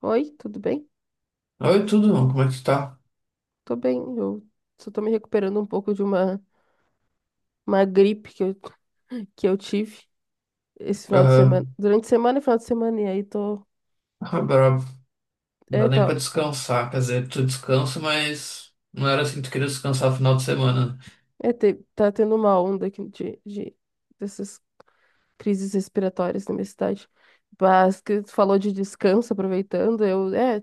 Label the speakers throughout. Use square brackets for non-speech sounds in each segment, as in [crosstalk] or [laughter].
Speaker 1: Oi, tudo bem?
Speaker 2: Oi, tudo bom? Como é que tu tá?
Speaker 1: Tô bem. Eu só tô me recuperando um pouco uma gripe [laughs] que eu tive esse final de semana.
Speaker 2: Aham.
Speaker 1: Durante a semana e final de semana, e aí tô.
Speaker 2: Ah, brabo. Não
Speaker 1: É,
Speaker 2: dá nem pra
Speaker 1: tá,
Speaker 2: descansar. Quer dizer, tu descansa, mas não era assim que tu queria descansar no final de semana, né?
Speaker 1: tá tendo uma onda aqui dessas crises respiratórias na minha cidade. Mas que tu falou de descanso, aproveitando, eu. É,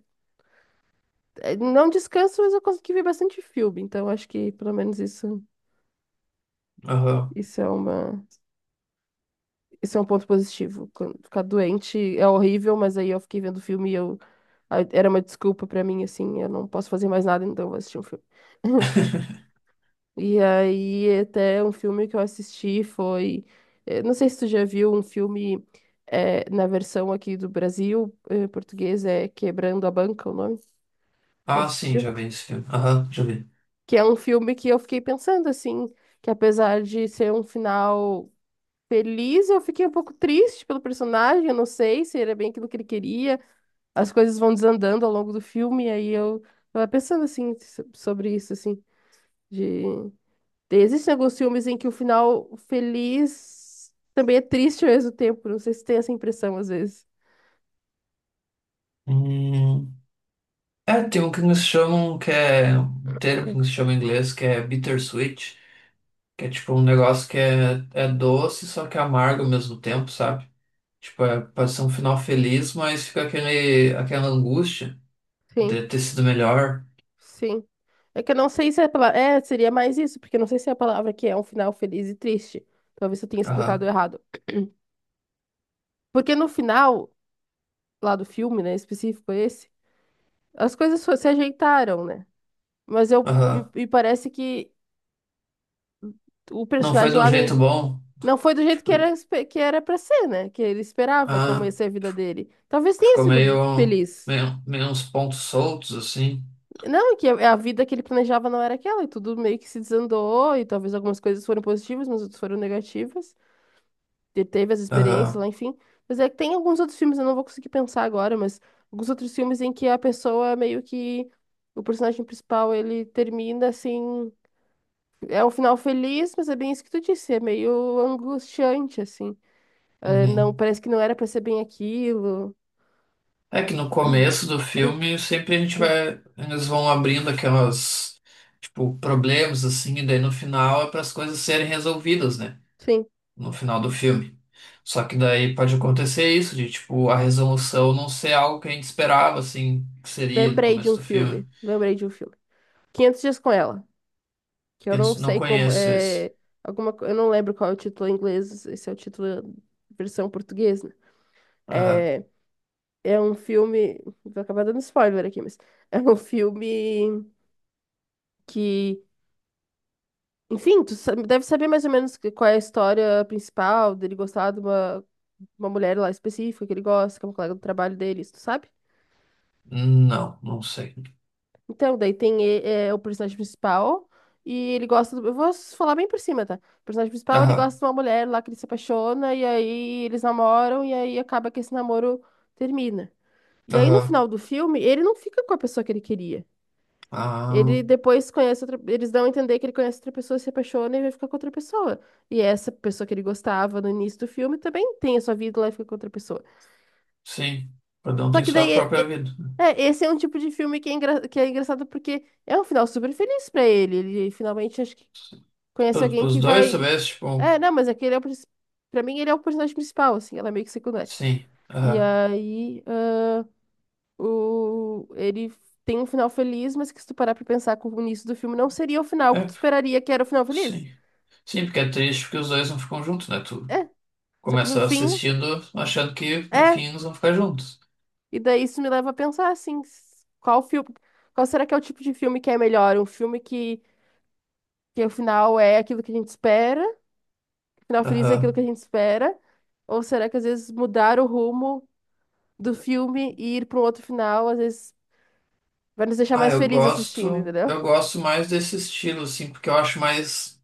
Speaker 1: é, não descanso, mas eu consegui ver bastante filme, então acho que pelo menos isso.
Speaker 2: Aham.
Speaker 1: Isso é uma, isso é um ponto positivo. Quando Ficar doente é horrível, mas aí eu fiquei vendo filme e eu aí era uma desculpa pra mim, assim, eu não posso fazer mais nada, então eu vou assistir um filme. [laughs]
Speaker 2: [laughs]
Speaker 1: E aí, até um filme que eu assisti não sei se tu já viu um filme na versão aqui do Brasil, português, é Quebrando a Banca, o nome? Já
Speaker 2: Ah, sim,
Speaker 1: assistiu?
Speaker 2: já vi esse filme. Aham, já vi.
Speaker 1: Que é um filme que eu fiquei pensando, assim, que apesar de ser um final feliz, eu fiquei um pouco triste pelo personagem, eu não sei se era bem aquilo que ele queria. As coisas vão desandando ao longo do filme, e aí eu tava pensando sobre isso, assim, de existem alguns filmes em que o final feliz também é triste ao mesmo tempo. Não sei se tem essa impressão às vezes.
Speaker 2: Hum. É, tem um que eles chamam, que é um termo que eles chamam em inglês, que é bittersweet, que é tipo um negócio que é, doce, só que amargo ao mesmo tempo, sabe? Tipo, é, pode ser um final feliz, mas fica aquela angústia
Speaker 1: Sim,
Speaker 2: de ter sido melhor.
Speaker 1: sim. É que eu não sei se é a palavra. É, seria mais isso, porque eu não sei se é a palavra que é um final feliz e triste. Talvez eu tenha explicado
Speaker 2: Aham,
Speaker 1: errado. Porque no final, lá do filme, né, específico esse, as coisas se ajeitaram, né? Mas eu.
Speaker 2: aham.
Speaker 1: E, e parece que o
Speaker 2: Não foi
Speaker 1: personagem
Speaker 2: de um
Speaker 1: lá no,
Speaker 2: jeito bom.
Speaker 1: não foi do jeito que
Speaker 2: Tipo,
Speaker 1: que era pra ser, né? Que ele esperava como
Speaker 2: ah,
Speaker 1: ia ser a vida dele. Talvez tenha
Speaker 2: ficou
Speaker 1: sido
Speaker 2: meio,
Speaker 1: feliz.
Speaker 2: meio, meio uns pontos soltos, assim.
Speaker 1: Não, é que a vida que ele planejava não era aquela, e tudo meio que se desandou, e talvez algumas coisas foram positivas, mas outras foram negativas. Ele teve as experiências
Speaker 2: Aham.
Speaker 1: lá, enfim. Mas é que tem alguns outros filmes, eu não vou conseguir pensar agora, mas alguns outros filmes em que a pessoa meio que. O personagem principal, ele termina assim. É um final feliz, mas é bem isso que tu disse, é meio angustiante, assim. Não,
Speaker 2: Uhum.
Speaker 1: parece que não era pra ser bem aquilo.
Speaker 2: É que no começo do filme sempre a gente vai. Eles vão abrindo aquelas. Tipo, problemas, assim, e daí no final é para as coisas serem resolvidas, né?
Speaker 1: Enfim,
Speaker 2: No final do filme. Só que daí pode acontecer isso, de tipo, a resolução não ser algo que a gente esperava, assim, que seria no
Speaker 1: lembrei de
Speaker 2: começo
Speaker 1: um
Speaker 2: do filme.
Speaker 1: filme. Lembrei de um filme. 500 Dias com Ela. Que eu
Speaker 2: Eu
Speaker 1: não
Speaker 2: não
Speaker 1: sei como.
Speaker 2: conheço esse.
Speaker 1: Alguma, eu não lembro qual é o título em inglês. Esse é o título versão portuguesa. Né?
Speaker 2: Aham.
Speaker 1: É, é um filme. Vou acabar dando spoiler aqui, mas. [laughs] É um filme que. Enfim, deve saber mais ou menos qual é a história principal dele gostar uma mulher lá específica que ele gosta, que é uma colega do trabalho dele, isso tu sabe?
Speaker 2: Não, não sei.
Speaker 1: Então, daí tem o personagem principal e ele gosta do... Eu vou falar bem por cima, tá? O personagem principal, ele
Speaker 2: Aham.
Speaker 1: gosta de uma mulher lá que ele se apaixona e aí eles namoram e aí acaba que esse namoro termina. E aí no
Speaker 2: Aham.
Speaker 1: final do filme, ele não fica com a pessoa que ele queria.
Speaker 2: Ah,
Speaker 1: Ele depois conhece outra... Eles dão a entender que ele conhece outra pessoa, se apaixona e vai ficar com outra pessoa. E essa pessoa que ele gostava no início do filme também tem a sua vida lá e fica com outra pessoa.
Speaker 2: sim. Cada um
Speaker 1: Só
Speaker 2: tem
Speaker 1: que daí,
Speaker 2: sua própria vida.
Speaker 1: esse é um tipo de filme que que é engraçado porque é um final super feliz pra ele. Ele finalmente acho que conhece alguém
Speaker 2: Para os
Speaker 1: que
Speaker 2: dois,
Speaker 1: vai.
Speaker 2: talvez, tipo,
Speaker 1: Não, mas é que ele é o. princi- pra mim, ele é o personagem principal, assim, ela é meio que secundária.
Speaker 2: sim.
Speaker 1: E
Speaker 2: Aham.
Speaker 1: aí, ah, ele tem um final feliz, mas que se tu parar pra pensar com o início do filme, não seria o final que tu
Speaker 2: É,
Speaker 1: esperaria que era o final feliz.
Speaker 2: sim. Sim, porque é triste porque os dois não ficam juntos, né? Tu
Speaker 1: É, só que no
Speaker 2: começa
Speaker 1: fim,
Speaker 2: assistindo achando que no
Speaker 1: é.
Speaker 2: fim eles vão ficar juntos.
Speaker 1: E daí isso me leva a pensar, assim, qual filme. Qual será que é o tipo de filme que é melhor? Um filme que o final é aquilo que a gente espera, o final feliz é aquilo que a
Speaker 2: Aham.
Speaker 1: gente espera. Ou será que às vezes mudar o rumo do filme e ir para um outro final, às vezes vai nos deixar
Speaker 2: Ah,
Speaker 1: mais
Speaker 2: eu
Speaker 1: felizes assistindo,
Speaker 2: gosto.
Speaker 1: entendeu?
Speaker 2: Eu gosto mais desse estilo, assim, porque eu acho mais.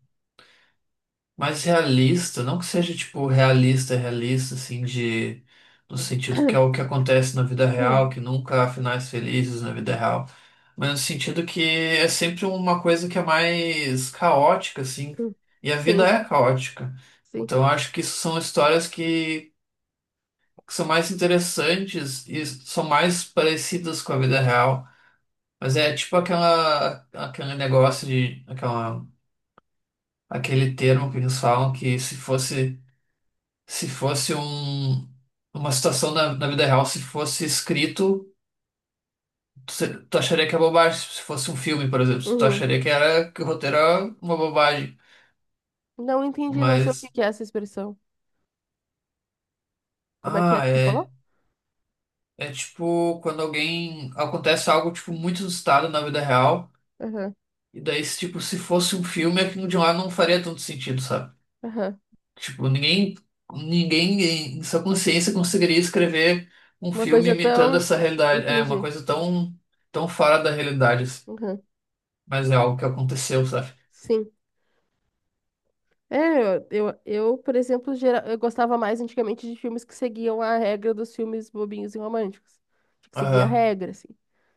Speaker 2: Mais realista, não que seja tipo realista, realista, assim, de no sentido que é o que
Speaker 1: [coughs]
Speaker 2: acontece na vida real, que
Speaker 1: [clears throat]
Speaker 2: nunca há finais felizes na vida real, mas no sentido que é sempre uma coisa que é mais caótica, assim, e a vida
Speaker 1: Sim,
Speaker 2: é caótica.
Speaker 1: sim.
Speaker 2: Então eu acho que isso são histórias que são mais interessantes e são mais parecidas com a vida real. Mas é tipo aquele negócio de, aquela, aquele termo que eles falam que se fosse um, uma situação na vida real, se fosse escrito, tu, se- tu acharia que é bobagem. Se fosse um filme, por exemplo, tu
Speaker 1: Uhum.
Speaker 2: acharia que era que o roteiro era uma bobagem.
Speaker 1: Não entendi, não sei o que
Speaker 2: Mas,
Speaker 1: que é essa expressão. Como é
Speaker 2: ah,
Speaker 1: que tu
Speaker 2: é,
Speaker 1: falou?
Speaker 2: é tipo quando alguém acontece algo tipo muito inusitado na vida real,
Speaker 1: Aham,
Speaker 2: e daí, se, tipo, se fosse um filme, aquilo de lá não faria tanto sentido, sabe?
Speaker 1: aham.
Speaker 2: Tipo, ninguém em sua consciência conseguiria escrever um
Speaker 1: Uma
Speaker 2: filme
Speaker 1: coisa
Speaker 2: imitando
Speaker 1: tão.
Speaker 2: essa realidade. É uma
Speaker 1: Entendi.
Speaker 2: coisa tão, tão fora da realidade, assim.
Speaker 1: Aham.
Speaker 2: Mas é algo que aconteceu, sabe?
Speaker 1: Sim. Por exemplo, eu gostava mais antigamente de filmes que seguiam a regra dos filmes bobinhos e românticos. Tinha que seguir a
Speaker 2: Aham.
Speaker 1: regra, assim.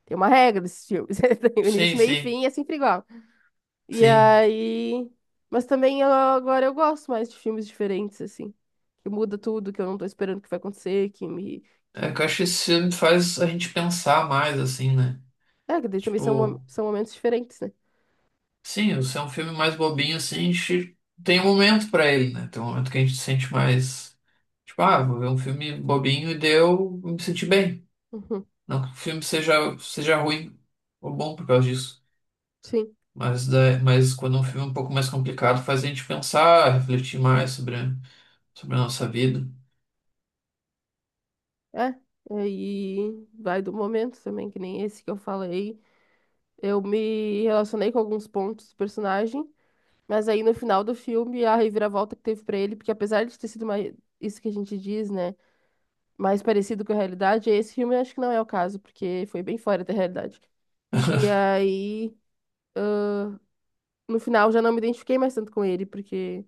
Speaker 1: Tem uma regra desses filmes. [laughs] Tem o início,
Speaker 2: Sim,
Speaker 1: meio e
Speaker 2: sim,
Speaker 1: fim, é sempre igual. E
Speaker 2: sim.
Speaker 1: aí. Mas também agora eu gosto mais de filmes diferentes, assim. Que muda tudo, que eu não tô esperando que vai acontecer, que me.
Speaker 2: É que
Speaker 1: Que...
Speaker 2: eu acho que esse filme faz a gente pensar mais, assim, né?
Speaker 1: É, que daí também
Speaker 2: Tipo,
Speaker 1: são momentos diferentes, né?
Speaker 2: sim, se é um filme mais bobinho, assim, a gente tem um momento pra ele, né? Tem um momento que a gente se sente mais. Tipo, ah, vou ver um filme bobinho e deu, me senti bem.
Speaker 1: Uhum,
Speaker 2: Não que o filme seja ruim ou bom por causa disso.
Speaker 1: sim.
Speaker 2: Mas mas quando é um filme é um pouco mais complicado, faz a gente pensar, refletir mais sobre a nossa vida.
Speaker 1: É. Aí vai do momento também, que nem esse que eu falei. Eu me relacionei com alguns pontos do personagem, mas aí no final do filme a reviravolta que teve pra ele, porque apesar de ter sido mais isso que a gente diz, né, mais parecido com a realidade, esse filme eu acho que não é o caso, porque foi bem fora da realidade. E
Speaker 2: [laughs]
Speaker 1: aí no final já não me identifiquei mais tanto com ele, porque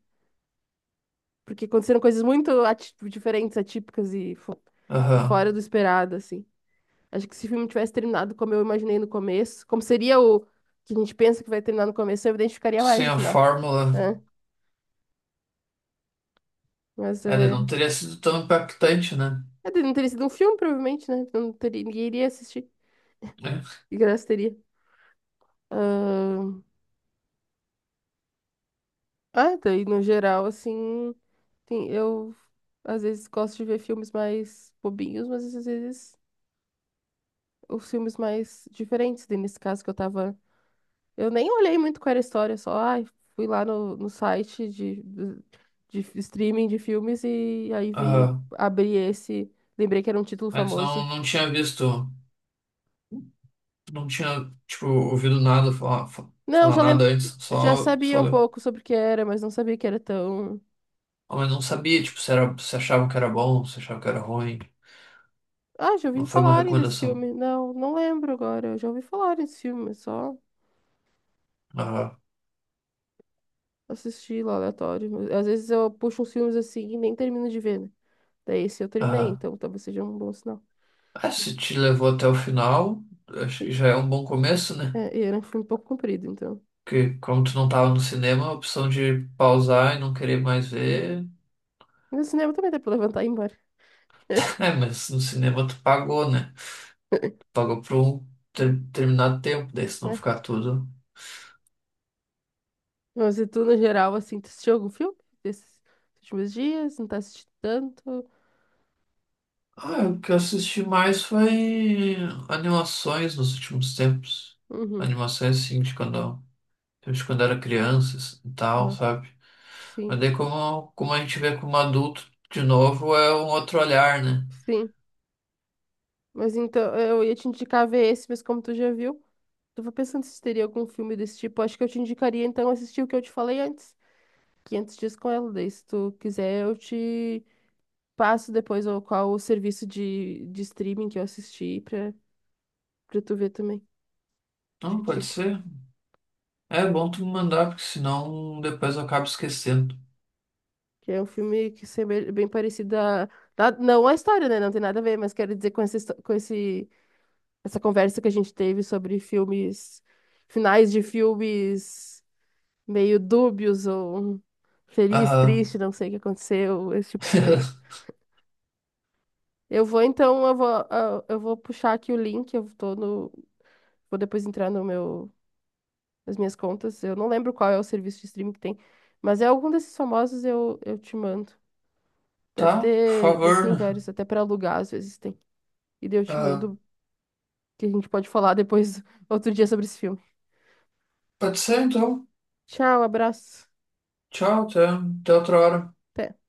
Speaker 1: porque aconteceram coisas muito diferentes, atípicas e
Speaker 2: Aham.
Speaker 1: fora do esperado, assim. Acho que se o filme tivesse terminado como eu imaginei no começo, como seria o que a gente pensa que vai terminar no começo, eu me identificaria mais
Speaker 2: Sem
Speaker 1: no
Speaker 2: a
Speaker 1: final.
Speaker 2: fórmula,
Speaker 1: Né? Mas
Speaker 2: ela
Speaker 1: é.
Speaker 2: não teria sido tão impactante, né?
Speaker 1: Não teria sido um filme, provavelmente, né? Não teria, ninguém iria assistir.
Speaker 2: É.
Speaker 1: Que graça teria. Ahn, daí no geral, assim. Eu às vezes gosto de ver filmes mais bobinhos, mas às vezes os filmes mais diferentes. Daí nesse caso que eu tava. Eu nem olhei muito qual era a história, só ai, fui lá no site de streaming de filmes e aí vi,
Speaker 2: Aham.
Speaker 1: abri esse. Lembrei que era um título
Speaker 2: Antes
Speaker 1: famoso.
Speaker 2: não tinha visto, não tinha, tipo, ouvido nada falar,
Speaker 1: Não,
Speaker 2: falar
Speaker 1: já
Speaker 2: nada
Speaker 1: lem...
Speaker 2: antes,
Speaker 1: já sabia um
Speaker 2: só,
Speaker 1: pouco sobre o que era, mas não sabia que era tão.
Speaker 2: ah, mas não sabia, tipo, se era, se achava que era bom, se achava que era ruim.
Speaker 1: Ah, já
Speaker 2: Não
Speaker 1: ouvi
Speaker 2: foi uma
Speaker 1: falarem desse
Speaker 2: recomendação.
Speaker 1: filme. Não, não lembro agora. Eu já ouvi falarem desse filme, mas só
Speaker 2: Aham.
Speaker 1: assisti lá aleatório. Mas às vezes eu puxo uns filmes assim e nem termino de ver, né? Daí esse eu terminei,
Speaker 2: Aham.
Speaker 1: então talvez seja um bom sinal.
Speaker 2: Ah, é, se te levou até o final, acho que
Speaker 1: E,
Speaker 2: já é um bom começo, né?
Speaker 1: e era um filme um pouco comprido, então.
Speaker 2: Porque como tu não tava no cinema, a opção de pausar e não querer mais ver.
Speaker 1: No cinema também dá pra levantar e ir embora.
Speaker 2: [laughs]
Speaker 1: [laughs]
Speaker 2: É, mas no cinema tu pagou, né? Pagou por um determinado tempo, daí se não
Speaker 1: né?
Speaker 2: ficar tudo.
Speaker 1: Mas e tu, no geral, assim, tu assistiu algum filme desses últimos dias? Não tá assistindo tanto?
Speaker 2: Ah, o que eu assisti mais foi animações nos últimos tempos.
Speaker 1: Uhum.
Speaker 2: Animações assim de quando era criança assim, e tal,
Speaker 1: Ah,
Speaker 2: sabe? Mas
Speaker 1: sim.
Speaker 2: daí como a gente vê como adulto de novo é um outro olhar, né?
Speaker 1: Sim. Mas então, eu ia te indicar ver esse, mas como tu já viu, tava pensando se teria algum filme desse tipo. Acho que eu te indicaria então assistir o que eu te falei antes, 500 dias com ela. Daí, se tu quiser, eu te passo depois qual o serviço de streaming que eu assisti pra tu ver também. Te
Speaker 2: Não, pode
Speaker 1: digo.
Speaker 2: ser. É bom tu me mandar, porque senão depois eu acabo esquecendo.
Speaker 1: Que é um filme que é bem, bem parecido a. Não a história, né? Não tem nada a ver, mas quero dizer com com essa conversa que a gente teve sobre filmes, finais de filmes meio dúbios ou. Feliz,
Speaker 2: Aham.
Speaker 1: triste, não sei o que aconteceu, esse tipo de coisa.
Speaker 2: [laughs]
Speaker 1: Eu vou puxar aqui o link, eu tô no, vou depois entrar no meu, nas minhas contas. Eu não lembro qual é o serviço de streaming que tem, mas é algum desses famosos, eu te mando.
Speaker 2: Tá, por
Speaker 1: Deve ter em
Speaker 2: favor.
Speaker 1: vários, até para alugar às vezes tem. E daí eu te
Speaker 2: Aham.
Speaker 1: mando que a gente pode falar depois [laughs] outro dia sobre esse filme.
Speaker 2: Pode ser então.
Speaker 1: Tchau, abraço.
Speaker 2: Tchau, até outra hora.
Speaker 1: Até